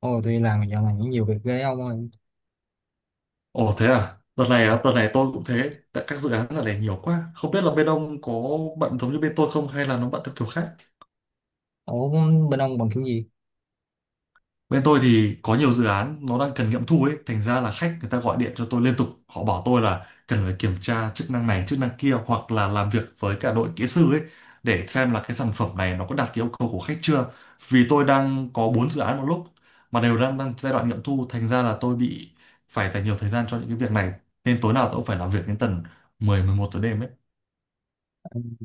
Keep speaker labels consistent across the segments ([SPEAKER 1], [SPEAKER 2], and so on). [SPEAKER 1] Ồ, tôi đi làm dạo này những nhiều việc ghê ông ơi.
[SPEAKER 2] Ồ thế à? Đợt này
[SPEAKER 1] Ừ.
[SPEAKER 2] á, đợt này tôi cũng thế. Tại các dự án đợt này nhiều quá. Không biết là bên ông có bận giống như bên tôi không hay là nó bận theo kiểu khác.
[SPEAKER 1] Ủa, bên ông bằng kiểu gì?
[SPEAKER 2] Bên tôi thì có nhiều dự án nó đang cần nghiệm thu ấy. Thành ra là khách người ta gọi điện cho tôi liên tục. Họ bảo tôi là cần phải kiểm tra chức năng này, chức năng kia hoặc là làm việc với cả đội kỹ sư ấy để xem là cái sản phẩm này nó có đạt cái yêu cầu của khách chưa. Vì tôi đang có 4 dự án một lúc mà đều đang đang giai đoạn nghiệm thu. Thành ra là tôi bị phải dành nhiều thời gian cho những cái việc này. Nên tối nào tôi cũng phải làm việc đến tầm 10 11 giờ đêm ấy.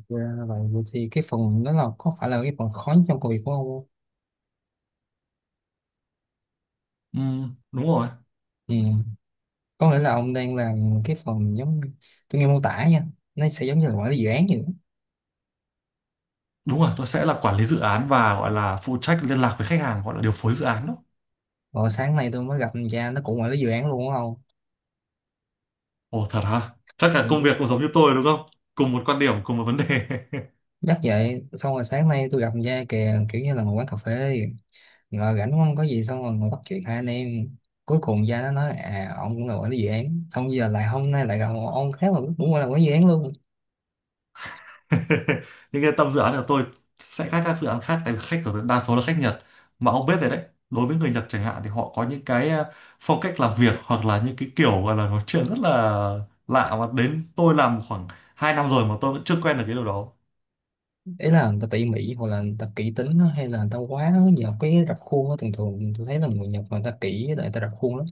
[SPEAKER 1] Ra là Vậy Vậy thì cái phần đó là có phải là cái phần khó nhất trong công việc của ông không?
[SPEAKER 2] Ừ, đúng rồi.
[SPEAKER 1] Ừ. Có nghĩa là ông đang làm cái phần giống tôi nghe mô tả nha. Nó sẽ giống như là quản lý dự án vậy.
[SPEAKER 2] Đúng rồi, tôi sẽ là quản lý dự án và gọi là phụ trách liên lạc với khách hàng, gọi là điều phối dự án đó.
[SPEAKER 1] Rồi sáng nay tôi mới gặp thằng cha nó cũng quản lý dự án luôn đúng không?
[SPEAKER 2] Ồ, thật hả? Chắc là
[SPEAKER 1] Ừ,
[SPEAKER 2] công
[SPEAKER 1] đúng
[SPEAKER 2] việc cũng
[SPEAKER 1] rồi.
[SPEAKER 2] giống như tôi đúng không? Cùng một quan điểm, cùng một vấn đề.
[SPEAKER 1] Nhắc vậy, xong rồi sáng nay tôi gặp thằng cha kìa kiểu như là một quán cà phê, ngồi rảnh không có gì xong rồi ngồi bắt chuyện hai anh em. Cuối cùng gia nó nói à ông cũng là quản lý dự án, xong giờ lại hôm nay lại gặp một ông khác là cũng là quản lý dự án luôn.
[SPEAKER 2] Nhưng cái tâm dự án của tôi sẽ khác các dự án khác, tại vì khách của tôi đa số là khách Nhật, mà ông biết rồi đấy. Đối với người Nhật chẳng hạn thì họ có những cái phong cách làm việc hoặc là những cái kiểu gọi là nói chuyện rất là lạ, mà đến tôi làm khoảng 2 năm rồi mà tôi vẫn chưa quen được cái điều đó.
[SPEAKER 1] Ý là người ta tỉ mỉ hoặc là người ta kỹ tính á, hay là người ta quá nhờ cái rập khuôn á. Thường thường tôi thấy là người Nhật người ta kỹ với lại người ta rập khuôn lắm.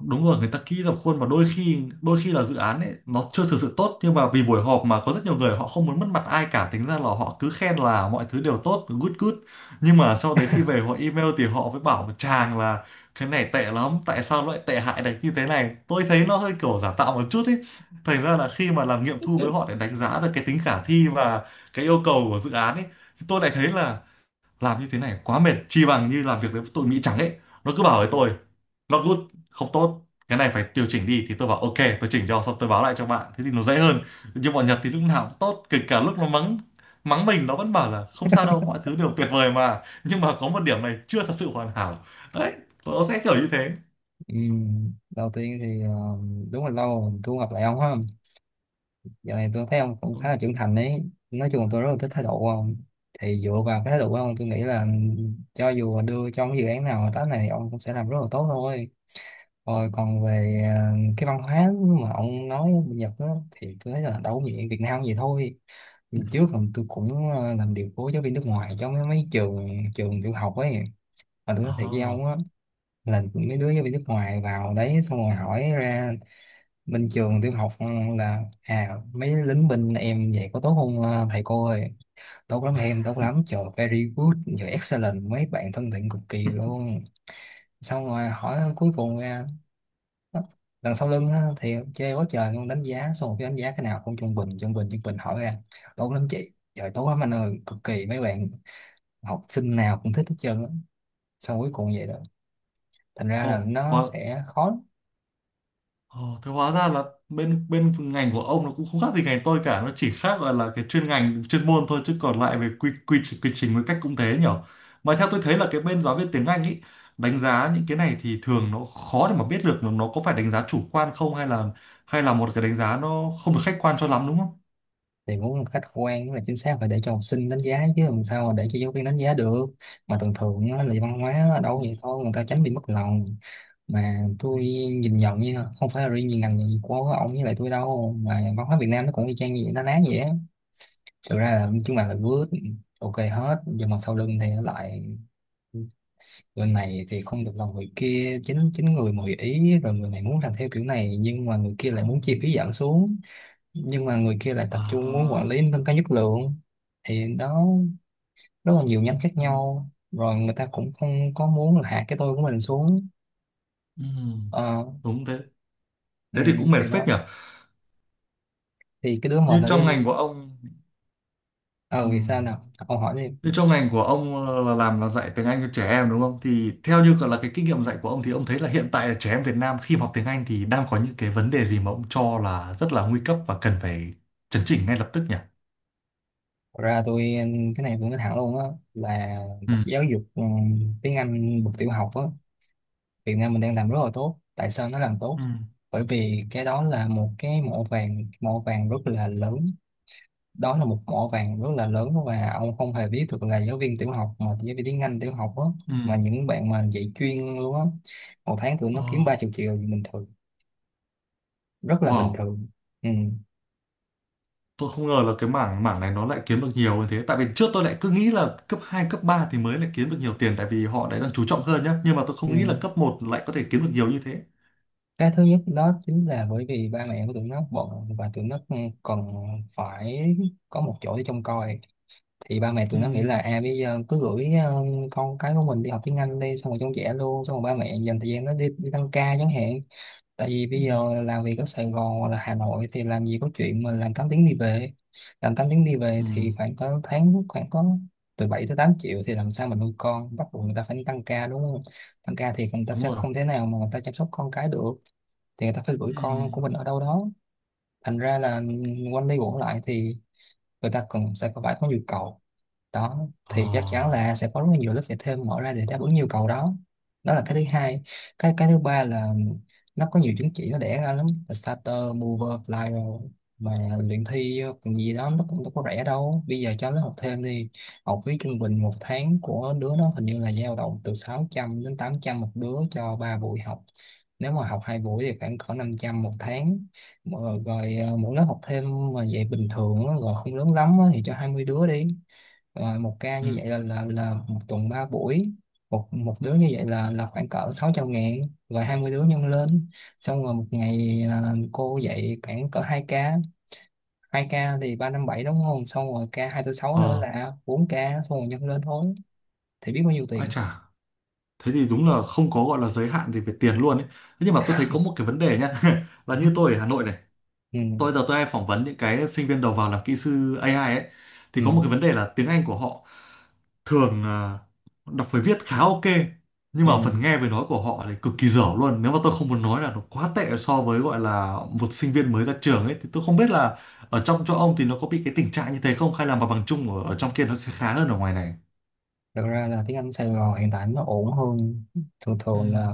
[SPEAKER 2] Đúng rồi, người ta kỹ dập khuôn, và đôi khi là dự án ấy nó chưa thực sự tốt, nhưng mà vì buổi họp mà có rất nhiều người họ không muốn mất mặt ai cả, tính ra là họ cứ khen là mọi thứ đều tốt, good good. Nhưng mà sau đấy khi về họ email thì họ mới bảo một chàng là cái này tệ lắm, tại sao lại tệ hại đánh như thế này. Tôi thấy nó hơi kiểu giả tạo một chút ấy. Thành ra là khi mà làm nghiệm thu với họ để đánh giá được cái tính khả thi và cái yêu cầu của dự án ấy, thì tôi lại thấy là làm như thế này quá mệt, chi bằng như làm việc với tụi Mỹ trắng ấy. Nó cứ bảo với
[SPEAKER 1] Ừ.
[SPEAKER 2] tôi not good, không tốt, cái này phải điều chỉnh đi thì tôi bảo ok, tôi chỉnh cho xong tôi báo lại cho bạn, thế thì nó dễ hơn. Nhưng bọn Nhật thì lúc nào cũng tốt, kể cả lúc nó mắng mắng mình nó vẫn bảo là không sao đâu, mọi thứ đều tuyệt vời mà, nhưng mà có một điểm này chưa thật sự hoàn hảo đấy. Nó sẽ kiểu như thế.
[SPEAKER 1] Đầu tiên thì đúng là lâu rồi tôi không gặp lại ông ha. Giờ này tôi thấy ông cũng khá là trưởng thành ấy. Nói chung là tôi rất là thích thái độ của ông. Thì dựa vào cái thái độ của ông tôi nghĩ là cho dù đưa cho cái dự án nào hợp tác này thì ông cũng sẽ làm rất là tốt thôi. Rồi còn về cái văn hóa mà ông nói bên Nhật á, thì tôi thấy là đâu có gì, Việt Nam gì thôi. Lần trước còn tôi cũng làm điều phối giáo viên nước ngoài trong mấy mấy trường trường tiểu học ấy. Mà tôi nói thiệt với
[SPEAKER 2] Ờ,
[SPEAKER 1] ông á, là mấy đứa giáo viên nước ngoài vào đấy xong rồi hỏi ra bên trường tiểu học là à mấy lính binh em vậy có tốt không thầy cô ơi? Tốt lắm em, tốt lắm, trời very good, trời excellent, mấy bạn thân thiện cực kỳ luôn. Xong rồi hỏi cuối cùng ra. Đó. Đằng sau lưng á, thì chê quá trời luôn, đánh giá xong một cái đánh giá cái nào cũng trung bình trung bình trung bình. Hỏi ra tốt lắm chị, trời tốt lắm anh ơi, cực kỳ mấy bạn, học sinh nào cũng thích hết trơn á, xong cuối cùng vậy đó. Thành ra là
[SPEAKER 2] ồ,
[SPEAKER 1] nó
[SPEAKER 2] oh,
[SPEAKER 1] sẽ khó lắm.
[SPEAKER 2] ồ, thế hóa ra là bên bên ngành của ông nó cũng không khác gì ngành tôi cả, nó chỉ khác là cái chuyên ngành chuyên môn thôi, chứ còn lại về quy quy trình với cách cũng thế nhở. Mà theo tôi thấy là cái bên giáo viên tiếng Anh ý, đánh giá những cái này thì thường nó khó để mà biết được nó có phải đánh giá chủ quan không, hay là một cái đánh giá nó không được khách quan cho lắm đúng không?
[SPEAKER 1] Thì muốn một khách quan với là chính xác phải để cho học sinh đánh giá chứ làm sao mà để cho giáo viên đánh giá được. Mà thường thường á, là văn hóa ở đâu
[SPEAKER 2] Ừ.
[SPEAKER 1] vậy thôi, người ta tránh bị mất lòng. Mà
[SPEAKER 2] Ừ.
[SPEAKER 1] tôi nhìn nhận nha, không phải là riêng gì ngành của ông với lại tôi đâu, mà văn hóa Việt Nam nó cũng y chang như vậy, nó ná vậy á. Thực ra là chúng bạn là good, ok hết, nhưng mà sau lưng thì nó lại người này thì không được lòng người kia. Chính chính người mà hội ý rồi người này muốn làm theo kiểu này, nhưng mà người kia lại
[SPEAKER 2] Ừ.
[SPEAKER 1] muốn chi phí giảm xuống, nhưng mà người kia lại tập trung muốn quản lý
[SPEAKER 2] À.
[SPEAKER 1] nâng cao chất lượng. Thì đó, rất là nhiều nhánh khác
[SPEAKER 2] Ừ.
[SPEAKER 1] nhau, rồi người ta cũng không có muốn là hạ cái tôi của mình xuống.
[SPEAKER 2] Ừ.
[SPEAKER 1] ờ
[SPEAKER 2] Đúng thế.
[SPEAKER 1] ừ,
[SPEAKER 2] Thế thì cũng mệt
[SPEAKER 1] thì
[SPEAKER 2] phết
[SPEAKER 1] đó,
[SPEAKER 2] nhở.
[SPEAKER 1] thì cái đứa một
[SPEAKER 2] Như
[SPEAKER 1] là đứa
[SPEAKER 2] trong ngành của ông. Ừ.
[SPEAKER 1] ờ vì sao nào ông hỏi đi.
[SPEAKER 2] Thế trong ngành của ông, là làm là dạy tiếng Anh cho trẻ em đúng không? Thì theo như là cái kinh nghiệm dạy của ông thì ông thấy là hiện tại là trẻ em Việt Nam khi mà học tiếng Anh thì đang có những cái vấn đề gì mà ông cho là rất là nguy cấp và cần phải chấn chỉnh ngay lập tức nhỉ?
[SPEAKER 1] Thật ra tôi, cái này tôi nói thẳng luôn á, là
[SPEAKER 2] Ừ.
[SPEAKER 1] bậc giáo dục tiếng Anh bậc tiểu học á, Việt Nam mình đang làm rất là tốt. Tại sao nó làm tốt,
[SPEAKER 2] Ừ.
[SPEAKER 1] bởi vì cái đó là một cái mỏ vàng, mỏ vàng rất là lớn. Đó là một mỏ vàng rất là lớn, và ông không hề biết được là giáo viên tiểu học, mà giáo viên tiếng Anh tiểu học á,
[SPEAKER 2] Ừ.
[SPEAKER 1] mà những bạn mà dạy chuyên luôn á, một tháng tụi
[SPEAKER 2] Ờ,
[SPEAKER 1] nó kiếm 30 triệu thì bình thường, rất là bình
[SPEAKER 2] wow,
[SPEAKER 1] thường. Ừ.
[SPEAKER 2] tôi không ngờ là cái mảng mảng này nó lại kiếm được nhiều như thế. Tại vì trước tôi lại cứ nghĩ là cấp 2 cấp 3 thì mới lại kiếm được nhiều tiền, tại vì họ lại đang chú trọng hơn nhá. Nhưng mà tôi không nghĩ là
[SPEAKER 1] Ừ.
[SPEAKER 2] cấp một lại có thể kiếm được nhiều như thế.
[SPEAKER 1] Cái thứ nhất đó chính là bởi vì ba mẹ của tụi nó bận, và tụi nó cần phải có một chỗ để trông coi. Thì ba mẹ tụi
[SPEAKER 2] Ừ.
[SPEAKER 1] nó nghĩ là à bây giờ cứ gửi con cái của mình đi học tiếng Anh đi, xong rồi trông trẻ luôn, xong rồi ba mẹ dành thời gian nó đi đi tăng ca chẳng hạn. Tại vì
[SPEAKER 2] Ừ.
[SPEAKER 1] bây giờ làm việc ở Sài Gòn hoặc là Hà Nội thì làm gì có chuyện mà làm 8 tiếng đi về. Làm 8 tiếng đi về
[SPEAKER 2] Ừ.
[SPEAKER 1] thì khoảng có tháng khoảng có từ 7 tới 8 triệu thì làm sao mà nuôi con, bắt buộc người ta phải tăng ca đúng không. Tăng ca thì người ta
[SPEAKER 2] Đúng
[SPEAKER 1] sẽ
[SPEAKER 2] rồi.
[SPEAKER 1] không thể nào mà người ta chăm sóc con cái được, thì người ta phải gửi
[SPEAKER 2] Ừ.
[SPEAKER 1] con của mình ở đâu đó. Thành ra là quanh đi quẩn lại thì người ta cần sẽ phải có nhu cầu đó,
[SPEAKER 2] Ờ.
[SPEAKER 1] thì chắc chắn là sẽ có rất là nhiều lớp dạy thêm mở ra để đáp ứng nhu cầu đó. Đó là cái thứ hai. Cái thứ ba là nó có nhiều chứng chỉ nó đẻ ra lắm, là starter, mover, flyer mà luyện thi còn gì đó nó cũng đâu có rẻ đâu, bây giờ cho nó học thêm đi. Học phí trung bình một tháng của đứa nó hình như là dao động từ 600 đến 800 một đứa cho 3 buổi học. Nếu mà học hai buổi thì khoảng cỡ 500 một tháng. Mà rồi à, mỗi lớp học thêm mà dạy bình thường á, rồi không lớn lắm á, thì cho 20 đứa đi, rồi một ca
[SPEAKER 2] Ừ.
[SPEAKER 1] như vậy là là một tuần 3 buổi. Một một đứa như vậy là khoảng cỡ 600 ngàn, rồi 20 đứa nhân lên. Xong rồi một ngày à, cô dạy khoảng cỡ 2 ca. Hai ca thì 357 đúng không, xong rồi ca hai tư sáu nữa
[SPEAKER 2] Ờ,
[SPEAKER 1] là 4 ca, xong rồi nhân lên thôi, thì biết bao nhiêu
[SPEAKER 2] ai
[SPEAKER 1] tiền.
[SPEAKER 2] chả. Thế thì đúng là không có gọi là giới hạn gì về tiền luôn ấy. Thế nhưng mà tôi thấy có một cái vấn đề nhá. Là như tôi ở Hà Nội này. Tôi
[SPEAKER 1] Ừ.
[SPEAKER 2] giờ tôi hay phỏng vấn những cái sinh viên đầu vào làm kỹ sư AI ấy.
[SPEAKER 1] Ừ.
[SPEAKER 2] Thì có một cái vấn đề là tiếng Anh của họ thường, đọc với viết khá ok. Nhưng
[SPEAKER 1] Ừ.
[SPEAKER 2] mà phần nghe với nói của họ thì cực kỳ dở luôn. Nếu mà tôi không muốn nói là nó quá tệ so với gọi là một sinh viên mới ra trường ấy. Thì tôi không biết là ở trong chỗ ông thì nó có bị cái tình trạng như thế không? Hay là mặt bằng chung ở trong kia nó sẽ khá hơn ở ngoài này?
[SPEAKER 1] Thật ra là tiếng Anh Sài Gòn hiện tại nó ổn hơn. Thường
[SPEAKER 2] Ừ.
[SPEAKER 1] thường là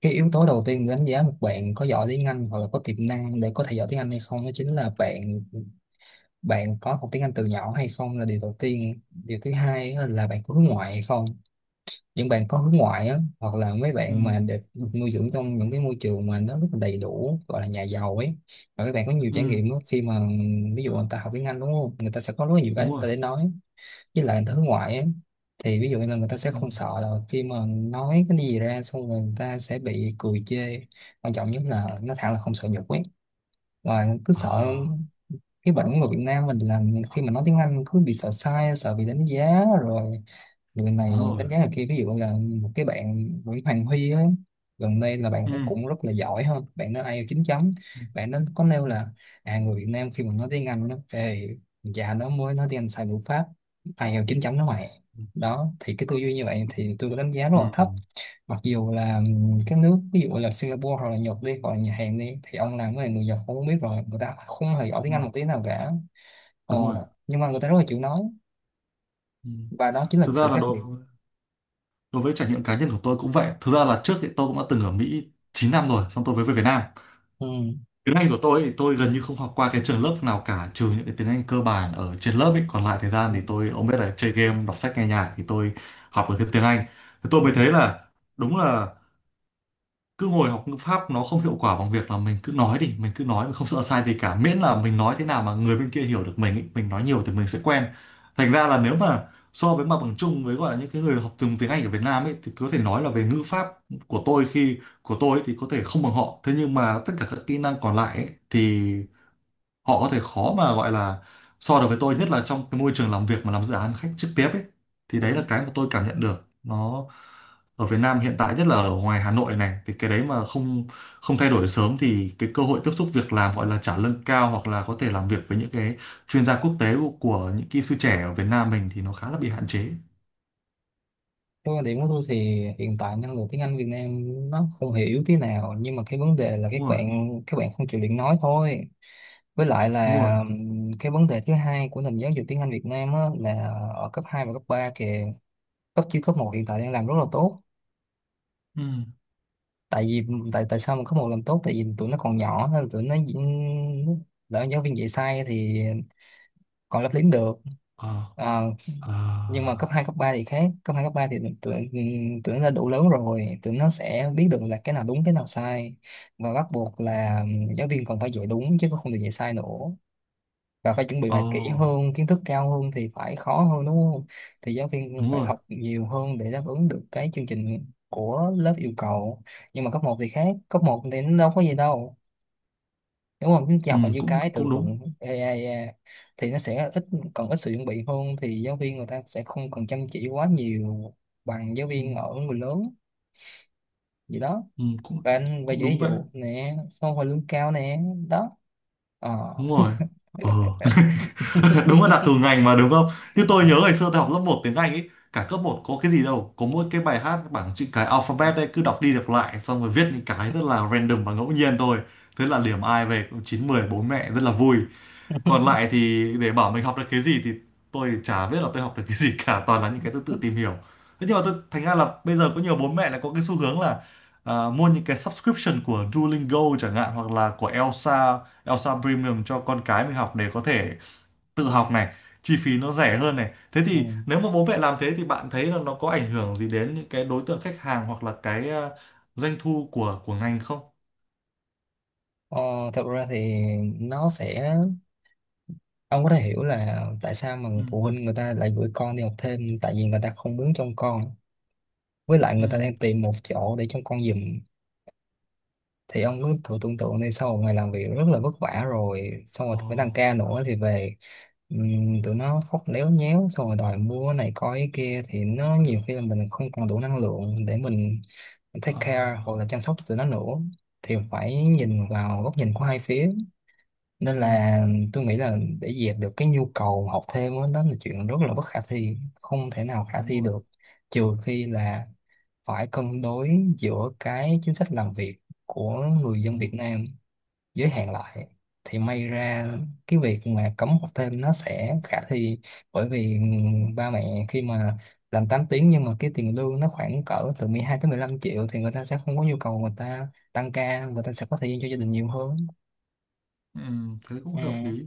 [SPEAKER 1] cái yếu tố đầu tiên để đánh giá một bạn có giỏi tiếng Anh hoặc là có tiềm năng để có thể giỏi tiếng Anh hay không, đó chính là bạn, bạn có học tiếng Anh từ nhỏ hay không là điều đầu tiên. Điều thứ hai á là bạn có hướng ngoại hay không. Những bạn có hướng ngoại á, hoặc là mấy
[SPEAKER 2] Ừ.
[SPEAKER 1] bạn mà được được nuôi dưỡng trong những cái môi trường mà nó rất là đầy đủ, gọi là nhà giàu ấy, và các bạn có nhiều
[SPEAKER 2] Ừ,
[SPEAKER 1] trải nghiệm á, khi mà ví dụ người ta học tiếng Anh đúng không, người ta sẽ có rất là nhiều cái
[SPEAKER 2] đúng
[SPEAKER 1] người
[SPEAKER 2] rồi.
[SPEAKER 1] ta để nói. Với lại người ta hướng ngoại ấy, thì ví dụ như là người ta sẽ
[SPEAKER 2] Ừ.
[SPEAKER 1] không sợ là khi mà nói cái gì ra xong rồi người ta sẽ bị cười chê. Quan trọng nhất là nó thẳng là không sợ nhục ấy, và cứ sợ.
[SPEAKER 2] À,
[SPEAKER 1] Cái bệnh của người Việt Nam mình là khi mà nói tiếng Anh cứ bị sợ sai, sợ bị đánh giá rồi, lần này
[SPEAKER 2] đúng rồi.
[SPEAKER 1] đánh giá là kia. Ví dụ là một cái bạn Nguyễn Hoàng Huy á, gần đây là bạn
[SPEAKER 2] Ừ.
[SPEAKER 1] ấy cũng rất là giỏi hơn bạn nó ai IELTS 9 chấm.
[SPEAKER 2] Ừ.
[SPEAKER 1] Bạn nó có nêu là à người Việt Nam khi mà nói tiếng Anh nó ê, già nó mới nói tiếng Anh sai ngữ pháp ai IELTS 9 chấm nó mày.
[SPEAKER 2] Ừ.
[SPEAKER 1] Đó thì cái tư duy như vậy thì tôi có đánh giá rất
[SPEAKER 2] Ừ.
[SPEAKER 1] là
[SPEAKER 2] Ừ.
[SPEAKER 1] thấp. Mặc dù là các nước ví dụ là Singapore hoặc là Nhật đi, hoặc là Nhật Hàn đi, thì ông làm với người Nhật ông cũng biết rồi, người ta không hề giỏi tiếng
[SPEAKER 2] Đúng
[SPEAKER 1] Anh
[SPEAKER 2] rồi.
[SPEAKER 1] một tí nào cả. ờ,
[SPEAKER 2] Đúng rồi.
[SPEAKER 1] nhưng mà người ta rất là chịu nói,
[SPEAKER 2] Ừ.
[SPEAKER 1] và đó chính là
[SPEAKER 2] Thực ra
[SPEAKER 1] sự
[SPEAKER 2] là
[SPEAKER 1] khác
[SPEAKER 2] đối
[SPEAKER 1] biệt.
[SPEAKER 2] đối với trải nghiệm cá nhân của tôi cũng vậy. Thực ra là trước thì tôi cũng đã từng ở Mỹ 9 năm rồi, xong tôi mới về Việt Nam. Tiếng Anh của tôi thì tôi gần như không học qua cái trường lớp nào cả, trừ những cái tiếng Anh cơ bản ở trên lớp ấy. Còn lại thời gian
[SPEAKER 1] Ừ.
[SPEAKER 2] thì tôi, ông biết là chơi game, đọc sách, nghe nhạc thì tôi học được thêm tiếng Anh. Thì tôi
[SPEAKER 1] Ừ.
[SPEAKER 2] mới thấy là đúng là cứ ngồi học ngữ pháp nó không hiệu quả bằng việc là mình cứ nói đi, mình cứ nói, mình không sợ sai gì cả, miễn là mình nói thế nào mà người bên kia hiểu được mình ý, mình nói nhiều thì mình sẽ quen. Thành ra là nếu mà so với mặt bằng chung với gọi là những cái người học từng tiếng Anh ở Việt Nam ấy, thì có thể nói là về ngữ pháp của tôi ấy, thì có thể không bằng họ, thế nhưng mà tất cả các kỹ năng còn lại ấy, thì họ có thể khó mà gọi là so được với tôi, nhất là trong cái môi trường làm việc mà làm dự án khách trực tiếp ấy. Thì
[SPEAKER 1] Ừ.
[SPEAKER 2] đấy là cái mà tôi cảm nhận được nó ở Việt Nam hiện tại, nhất là ở ngoài Hà Nội này, thì cái đấy mà không không thay đổi sớm thì cái cơ hội tiếp xúc việc làm gọi là trả lương cao, hoặc là có thể làm việc với những cái chuyên gia quốc tế của những kỹ sư trẻ ở Việt Nam mình, thì nó khá là bị hạn chế.
[SPEAKER 1] Cái quan điểm của tôi thì hiện tại năng lực tiếng Anh Việt Nam nó không hề yếu tí nào, nhưng mà cái vấn đề là các
[SPEAKER 2] Đúng rồi.
[SPEAKER 1] bạn các bạn không chịu luyện nói thôi. Với lại
[SPEAKER 2] Đúng rồi.
[SPEAKER 1] là cái vấn đề thứ hai của nền giáo dục tiếng Anh Việt Nam á, là ở cấp 2 và cấp 3 kìa. Cấp chứ cấp một hiện tại đang làm rất là tốt.
[SPEAKER 2] Ừ.
[SPEAKER 1] Tại vì, tại tại sao mà cấp một làm tốt? Tại vì tụi nó còn nhỏ nên là tụi nó diễn- lỡ giáo viên dạy sai thì còn lấp liếm được.
[SPEAKER 2] Ờ.
[SPEAKER 1] À,
[SPEAKER 2] Ờ.
[SPEAKER 1] nhưng mà cấp 2 cấp 3 thì khác. Cấp 2 cấp 3 thì tụi tụi nó đã đủ lớn rồi, tụi nó sẽ biết được là cái nào đúng cái nào sai, và bắt buộc là giáo viên còn phải dạy đúng chứ không được dạy sai nữa, và phải chuẩn bị
[SPEAKER 2] Ờ,
[SPEAKER 1] bài kỹ hơn. Kiến thức cao hơn thì phải khó hơn, đúng không? Thì giáo viên cũng
[SPEAKER 2] đúng
[SPEAKER 1] phải
[SPEAKER 2] rồi.
[SPEAKER 1] học nhiều hơn để đáp ứng được cái chương trình của lớp yêu cầu. Nhưng mà cấp một thì khác, cấp một thì nó đâu có gì đâu, đúng không? Chính chị
[SPEAKER 2] Ừ,
[SPEAKER 1] học là như
[SPEAKER 2] cũng
[SPEAKER 1] cái từ
[SPEAKER 2] cũng đúng.
[SPEAKER 1] vựng AI thì nó sẽ ít, còn ít sự chuẩn bị hơn thì giáo viên người ta sẽ không cần chăm chỉ quá nhiều bằng giáo
[SPEAKER 2] Ừ.
[SPEAKER 1] viên ở người lớn gì đó.
[SPEAKER 2] Ừ, cũng
[SPEAKER 1] Và anh về
[SPEAKER 2] cũng
[SPEAKER 1] ví
[SPEAKER 2] đúng vậy.
[SPEAKER 1] dụ nè, xong rồi lương cao nè, đó. Ờ.
[SPEAKER 2] Đúng rồi. Ờ. Đúng là đặc thù ngành mà đúng không. Như tôi nhớ ngày xưa tôi học lớp một tiếng Anh ấy, cả cấp một có cái gì đâu, có mỗi cái bài hát bảng chữ cái alphabet đấy cứ đọc đi đọc lại, xong rồi viết những cái rất là random và ngẫu nhiên thôi. Thế là điểm ai về cũng chín mười, bố mẹ rất là vui. Còn lại thì để bảo mình học được cái gì thì tôi chả biết là tôi học được cái gì cả, toàn là những cái tôi tự tìm hiểu. Thế nhưng mà tôi, thành ra là bây giờ có nhiều bố mẹ lại có cái xu hướng là à, mua những cái subscription của Duolingo chẳng hạn, hoặc là của Elsa Elsa Premium cho con cái mình học để có thể tự học này, chi phí nó rẻ hơn này. Thế
[SPEAKER 1] Ừ.
[SPEAKER 2] thì nếu mà bố mẹ làm thế thì bạn thấy là nó có ảnh hưởng gì đến những cái đối tượng khách hàng, hoặc là cái, à, doanh thu của ngành không?
[SPEAKER 1] Ờ, thật ra thì nó sẽ, ông có thể hiểu là tại sao mà
[SPEAKER 2] Ừ.
[SPEAKER 1] phụ huynh người ta lại gửi con đi học thêm. Tại vì người ta không muốn trông con, với lại
[SPEAKER 2] Ừ.
[SPEAKER 1] người ta đang tìm một chỗ để trông con giùm. Thì ông cứ thử tưởng tượng đi, sau một ngày làm việc rất là vất vả rồi xong rồi
[SPEAKER 2] Ờ.
[SPEAKER 1] phải tăng ca nữa thì về, tụi nó khóc léo nhéo xong rồi đòi mua này coi cái kia, thì
[SPEAKER 2] Ừ.
[SPEAKER 1] nó nhiều khi là mình không còn đủ năng lượng để mình take
[SPEAKER 2] Ờ.
[SPEAKER 1] care hoặc là chăm sóc tụi nó nữa. Thì phải nhìn vào góc nhìn của hai phía,
[SPEAKER 2] Ừ. Ừ,
[SPEAKER 1] nên là tôi nghĩ là để dẹp được cái nhu cầu học thêm đó, đó là chuyện rất là bất khả thi, không thể nào khả
[SPEAKER 2] đúng
[SPEAKER 1] thi
[SPEAKER 2] rồi.
[SPEAKER 1] được, trừ khi là phải cân đối giữa cái chính sách làm việc của người dân
[SPEAKER 2] Đúng
[SPEAKER 1] Việt
[SPEAKER 2] rồi.
[SPEAKER 1] Nam, giới hạn lại thì may ra cái việc mà cấm học thêm nó sẽ khả thi. Bởi vì ba mẹ khi mà làm 8 tiếng nhưng mà cái tiền lương nó khoảng cỡ từ 12 tới 15 triệu, thì người ta sẽ không có nhu cầu, người ta tăng ca, người ta sẽ có thời gian cho gia đình nhiều hơn.
[SPEAKER 2] Ừ, thế cũng
[SPEAKER 1] Ừ,
[SPEAKER 2] hợp lý.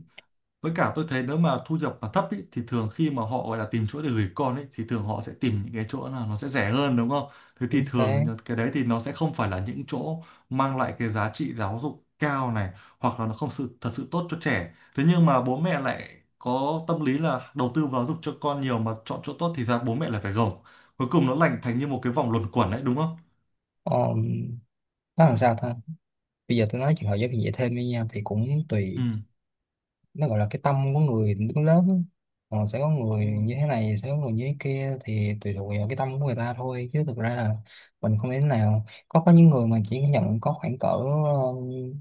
[SPEAKER 2] Với cả tôi thấy nếu mà thu nhập mà thấp ý, thì thường khi mà họ gọi là tìm chỗ để gửi con ấy thì thường họ sẽ tìm những cái chỗ nào nó sẽ rẻ hơn, đúng không? Thế thì
[SPEAKER 1] chính xác.
[SPEAKER 2] thường cái đấy thì nó sẽ không phải là những chỗ mang lại cái giá trị giáo dục cao này, hoặc là nó không sự thật sự tốt cho trẻ. Thế nhưng mà bố mẹ lại có tâm lý là đầu tư vào giáo dục cho con nhiều mà chọn chỗ tốt thì ra bố mẹ lại phải gồng. Cuối cùng nó thành như một cái vòng luẩn quẩn đấy, đúng không?
[SPEAKER 1] um, nó làm sao ta. Bây giờ tôi nói chuyện học giáo viên dạy thêm với nhau thì cũng
[SPEAKER 2] Ừ,
[SPEAKER 1] tùy, nó gọi là cái tâm của người đứng lớp á. Ờ, sẽ có người
[SPEAKER 2] đúng rồi.
[SPEAKER 1] như thế này, sẽ có người như thế kia, thì tùy thuộc vào cái tâm của người ta thôi, chứ thực ra là mình không thể nào. Có những người mà chỉ nhận có khoảng cỡ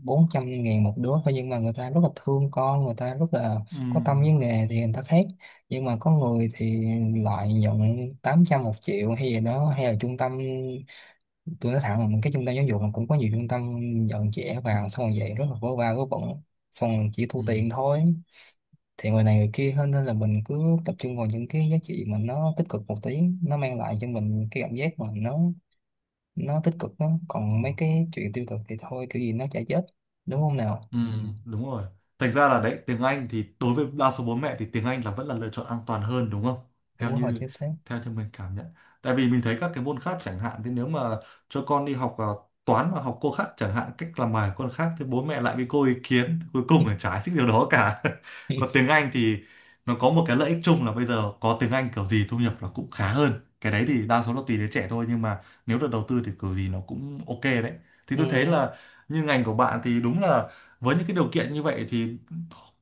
[SPEAKER 1] 400 ngàn một đứa thôi, nhưng mà người ta rất là thương con, người ta rất là
[SPEAKER 2] Ừ.
[SPEAKER 1] có tâm với nghề, thì người ta khác. Nhưng mà có người thì lại nhận 800, 1 triệu hay gì đó, hay là trung tâm. Tôi nói thẳng là cái trung tâm giáo dục mà cũng có nhiều trung tâm nhận trẻ
[SPEAKER 2] Ừ.
[SPEAKER 1] vào xong rồi vậy rất là vớ va vớ vẩn, xong rồi chỉ thu
[SPEAKER 2] Ừ.
[SPEAKER 1] tiền thôi. Thì người này người kia hơn, nên là mình cứ tập trung vào những cái giá trị mà nó tích cực một tí, nó mang lại cho mình cái cảm giác mà nó tích cực đó,
[SPEAKER 2] Ờ.
[SPEAKER 1] còn mấy cái chuyện tiêu cực thì thôi, kiểu gì nó chả chết,
[SPEAKER 2] Ừ.
[SPEAKER 1] đúng không nào?
[SPEAKER 2] Ừ,
[SPEAKER 1] Ừ,
[SPEAKER 2] đúng rồi. Thành ra là đấy, tiếng Anh thì đối với đa số bố mẹ thì tiếng Anh là vẫn là lựa chọn an toàn hơn, đúng không? Theo
[SPEAKER 1] đúng rồi,
[SPEAKER 2] như
[SPEAKER 1] chính xác.
[SPEAKER 2] theo như mình cảm nhận. Tại vì mình thấy các cái môn khác chẳng hạn thì nếu mà cho con đi học à, toán mà học cô khác chẳng hạn cách làm bài của con khác thì bố mẹ lại bị cô ý kiến, cuối cùng là chả thích điều đó cả. Còn tiếng Anh thì nó có một cái lợi ích chung là bây giờ có tiếng Anh kiểu gì thu nhập là cũng khá hơn. Cái đấy thì đa số là tùy đứa trẻ thôi, nhưng mà nếu được đầu tư thì kiểu gì nó cũng ok đấy. Thì
[SPEAKER 1] Ừ.
[SPEAKER 2] tôi thấy là như ngành của bạn thì đúng là với những cái điều kiện như vậy thì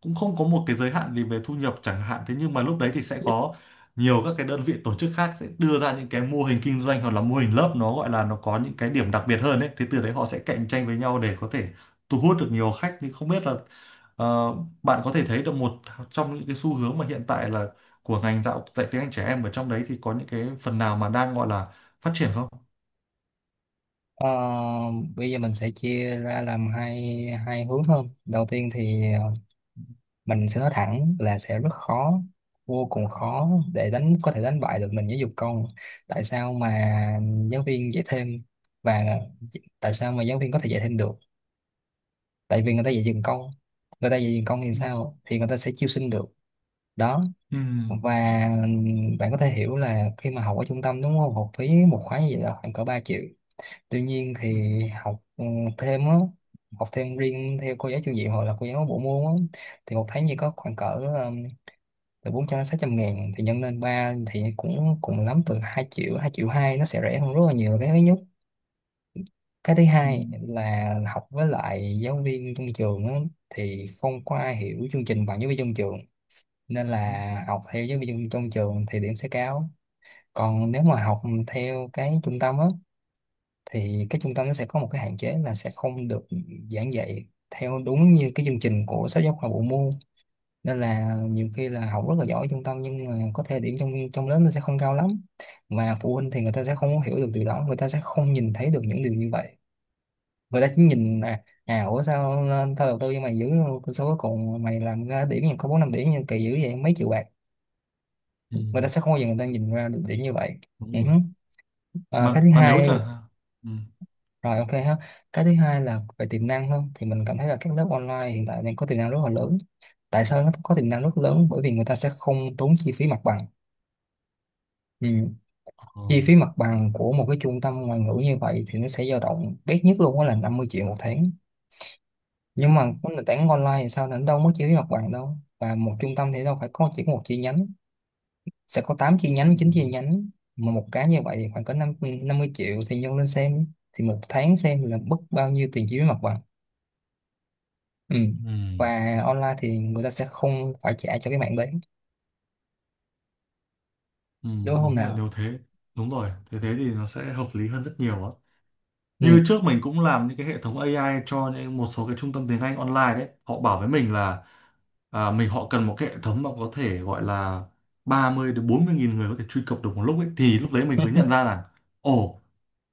[SPEAKER 2] cũng không có một cái giới hạn gì về thu nhập chẳng hạn. Thế nhưng mà lúc đấy thì sẽ có nhiều các cái đơn vị tổ chức khác sẽ đưa ra những cái mô hình kinh doanh hoặc là mô hình lớp, nó gọi là nó có những cái điểm đặc biệt hơn ấy, thế từ đấy họ sẽ cạnh tranh với nhau để có thể thu hút được nhiều khách. Thì không biết là ờ, bạn có thể thấy được một trong những cái xu hướng mà hiện tại là của ngành dạy tiếng Anh trẻ em ở trong đấy thì có những cái phần nào mà đang gọi là phát triển không?
[SPEAKER 1] Ờ, bây giờ mình sẽ chia ra làm hai hai hướng hơn. Đầu tiên thì mình sẽ nói thẳng là sẽ rất khó, vô cùng khó để đánh, có thể đánh bại được mình giáo dục công. Tại sao mà giáo viên dạy thêm và tại sao mà giáo viên có thể dạy thêm được? Tại vì người ta dạy dừng công. Người ta dạy dừng công thì
[SPEAKER 2] Ừ.
[SPEAKER 1] sao? Thì người ta sẽ chiêu sinh được, đó.
[SPEAKER 2] Ừ.
[SPEAKER 1] Và bạn có thể hiểu là khi mà học ở trung tâm, đúng không, học phí một khóa như vậy là khoảng cỡ 3 triệu. Tuy nhiên
[SPEAKER 2] Ừ.
[SPEAKER 1] thì học thêm á, học thêm riêng theo cô giáo chủ nhiệm hoặc là cô giáo bộ môn á, thì một tháng chỉ có khoảng cỡ từ 400 600 ngàn, thì nhân lên 3 thì cũng cùng lắm từ 2 triệu, 2 triệu hai. Nó sẽ rẻ hơn rất là nhiều, là cái thứ nhất. Cái thứ
[SPEAKER 2] Ừ.
[SPEAKER 1] hai là học với lại giáo viên trong trường á, thì không có ai hiểu chương trình bằng giáo viên trong trường, nên là học theo giáo viên trong trường thì điểm sẽ cao. Còn nếu mà học theo cái trung tâm á, thì cái trung tâm nó sẽ có một cái hạn chế là sẽ không được giảng dạy theo đúng như cái chương trình của sách giáo khoa bộ môn, nên là nhiều khi là học rất là giỏi ở trung tâm nhưng mà có thể điểm trong trong lớp nó sẽ không cao lắm. Mà phụ huynh thì người ta sẽ không có hiểu được điều đó, người ta sẽ không nhìn thấy được những điều như vậy. Người ta chỉ nhìn là à ủa sao, tao đầu tư cho mày giữ số, cuối cùng mày làm ra điểm nhưng có bốn năm điểm, nhưng kỳ dữ vậy mấy triệu bạc.
[SPEAKER 2] Ừ.
[SPEAKER 1] Người ta sẽ không bao giờ người ta nhìn ra được điểm như vậy.
[SPEAKER 2] Đúng
[SPEAKER 1] Ừ. Hứ.
[SPEAKER 2] rồi.
[SPEAKER 1] À, cái
[SPEAKER 2] mà
[SPEAKER 1] thứ
[SPEAKER 2] mà nếu
[SPEAKER 1] hai,
[SPEAKER 2] chẳng hạn ừ.
[SPEAKER 1] rồi ok ha. Cái thứ hai là về tiềm năng hơn, thì mình cảm thấy là các lớp online hiện tại đang có tiềm năng rất là lớn. Tại sao nó có tiềm năng rất lớn? Bởi vì người ta sẽ không tốn chi phí mặt bằng. Ừ.
[SPEAKER 2] Ờ.
[SPEAKER 1] Chi phí mặt bằng của một cái trung tâm ngoại ngữ như vậy thì nó sẽ dao động bé nhất luôn, đó là 50 triệu một tháng. Nhưng mà cái nền tảng online thì sao, nó đâu mất chi phí mặt bằng đâu. Và một trung tâm thì đâu phải có chỉ có một chi nhánh, sẽ có 8 chi nhánh,
[SPEAKER 2] Ừ.
[SPEAKER 1] 9 chi nhánh. Mà một cái như vậy thì khoảng có năm 50 triệu, thì nhân lên xem, thì một tháng xem là mất bao nhiêu tiền chi phí mặt bằng. Ừ.
[SPEAKER 2] Ừ.
[SPEAKER 1] Và online thì người ta sẽ không phải trả cho cái mạng đấy,
[SPEAKER 2] Ừ,
[SPEAKER 1] đúng không
[SPEAKER 2] đúng rồi.
[SPEAKER 1] nào?
[SPEAKER 2] Nếu thế đúng rồi, thế thế thì nó sẽ hợp lý hơn rất nhiều á.
[SPEAKER 1] Ừ.
[SPEAKER 2] Như trước mình cũng làm những cái hệ thống AI cho những một số cái trung tâm tiếng Anh online đấy, họ bảo với mình là à, họ cần một cái hệ thống mà có thể gọi là 30 đến 40 nghìn người có thể truy cập được một lúc ấy. Thì lúc đấy mình mới nhận ra là ồ,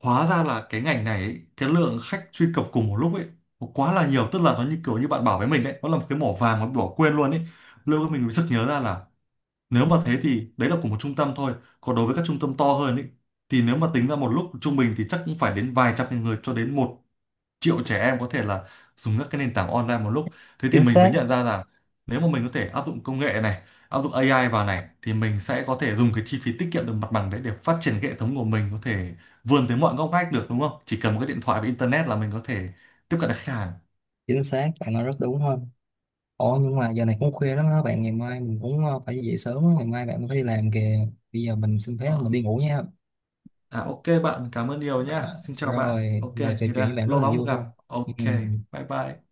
[SPEAKER 2] hóa ra là cái ngành này ấy, cái lượng khách truy cập cùng một lúc ấy nó quá là nhiều, tức là nó như kiểu như bạn bảo với mình đấy, nó là một cái mỏ vàng mà bỏ quên luôn ấy. Lúc đó mình mới sực nhớ ra là nếu mà thế thì đấy là của một trung tâm thôi, còn đối với các trung tâm to hơn ý, thì nếu mà tính ra một lúc trung bình thì chắc cũng phải đến vài trăm nghìn người cho đến 1 triệu trẻ em có thể là dùng các cái nền tảng online một lúc. Thế thì
[SPEAKER 1] Chính
[SPEAKER 2] mình mới
[SPEAKER 1] xác.
[SPEAKER 2] nhận ra là nếu mà mình có thể áp dụng công nghệ này, áp dụng AI vào này thì mình sẽ có thể dùng cái chi phí tiết kiệm được mặt bằng đấy để phát triển cái hệ thống của mình, có thể vươn tới mọi ngóc ngách được, đúng không? Chỉ cần một cái điện thoại và internet là mình có thể tiếp cận được khách hàng.
[SPEAKER 1] Bạn nói rất đúng hơn. Ồ, nhưng mà giờ này cũng khuya lắm đó bạn. Ngày mai mình cũng phải về sớm á. Ngày mai bạn cũng phải đi làm kìa. Bây giờ mình xin phép mình
[SPEAKER 2] Ờ.
[SPEAKER 1] đi ngủ nha.
[SPEAKER 2] À, ok bạn, cảm ơn nhiều nhá.
[SPEAKER 1] Ờ,
[SPEAKER 2] Xin chào
[SPEAKER 1] rồi,
[SPEAKER 2] bạn. Ok,
[SPEAKER 1] trò
[SPEAKER 2] thì
[SPEAKER 1] chuyện với
[SPEAKER 2] ra
[SPEAKER 1] bạn rất
[SPEAKER 2] lâu
[SPEAKER 1] là
[SPEAKER 2] lắm không
[SPEAKER 1] vui,
[SPEAKER 2] gặp.
[SPEAKER 1] không, ừ.
[SPEAKER 2] Ok, bye bye.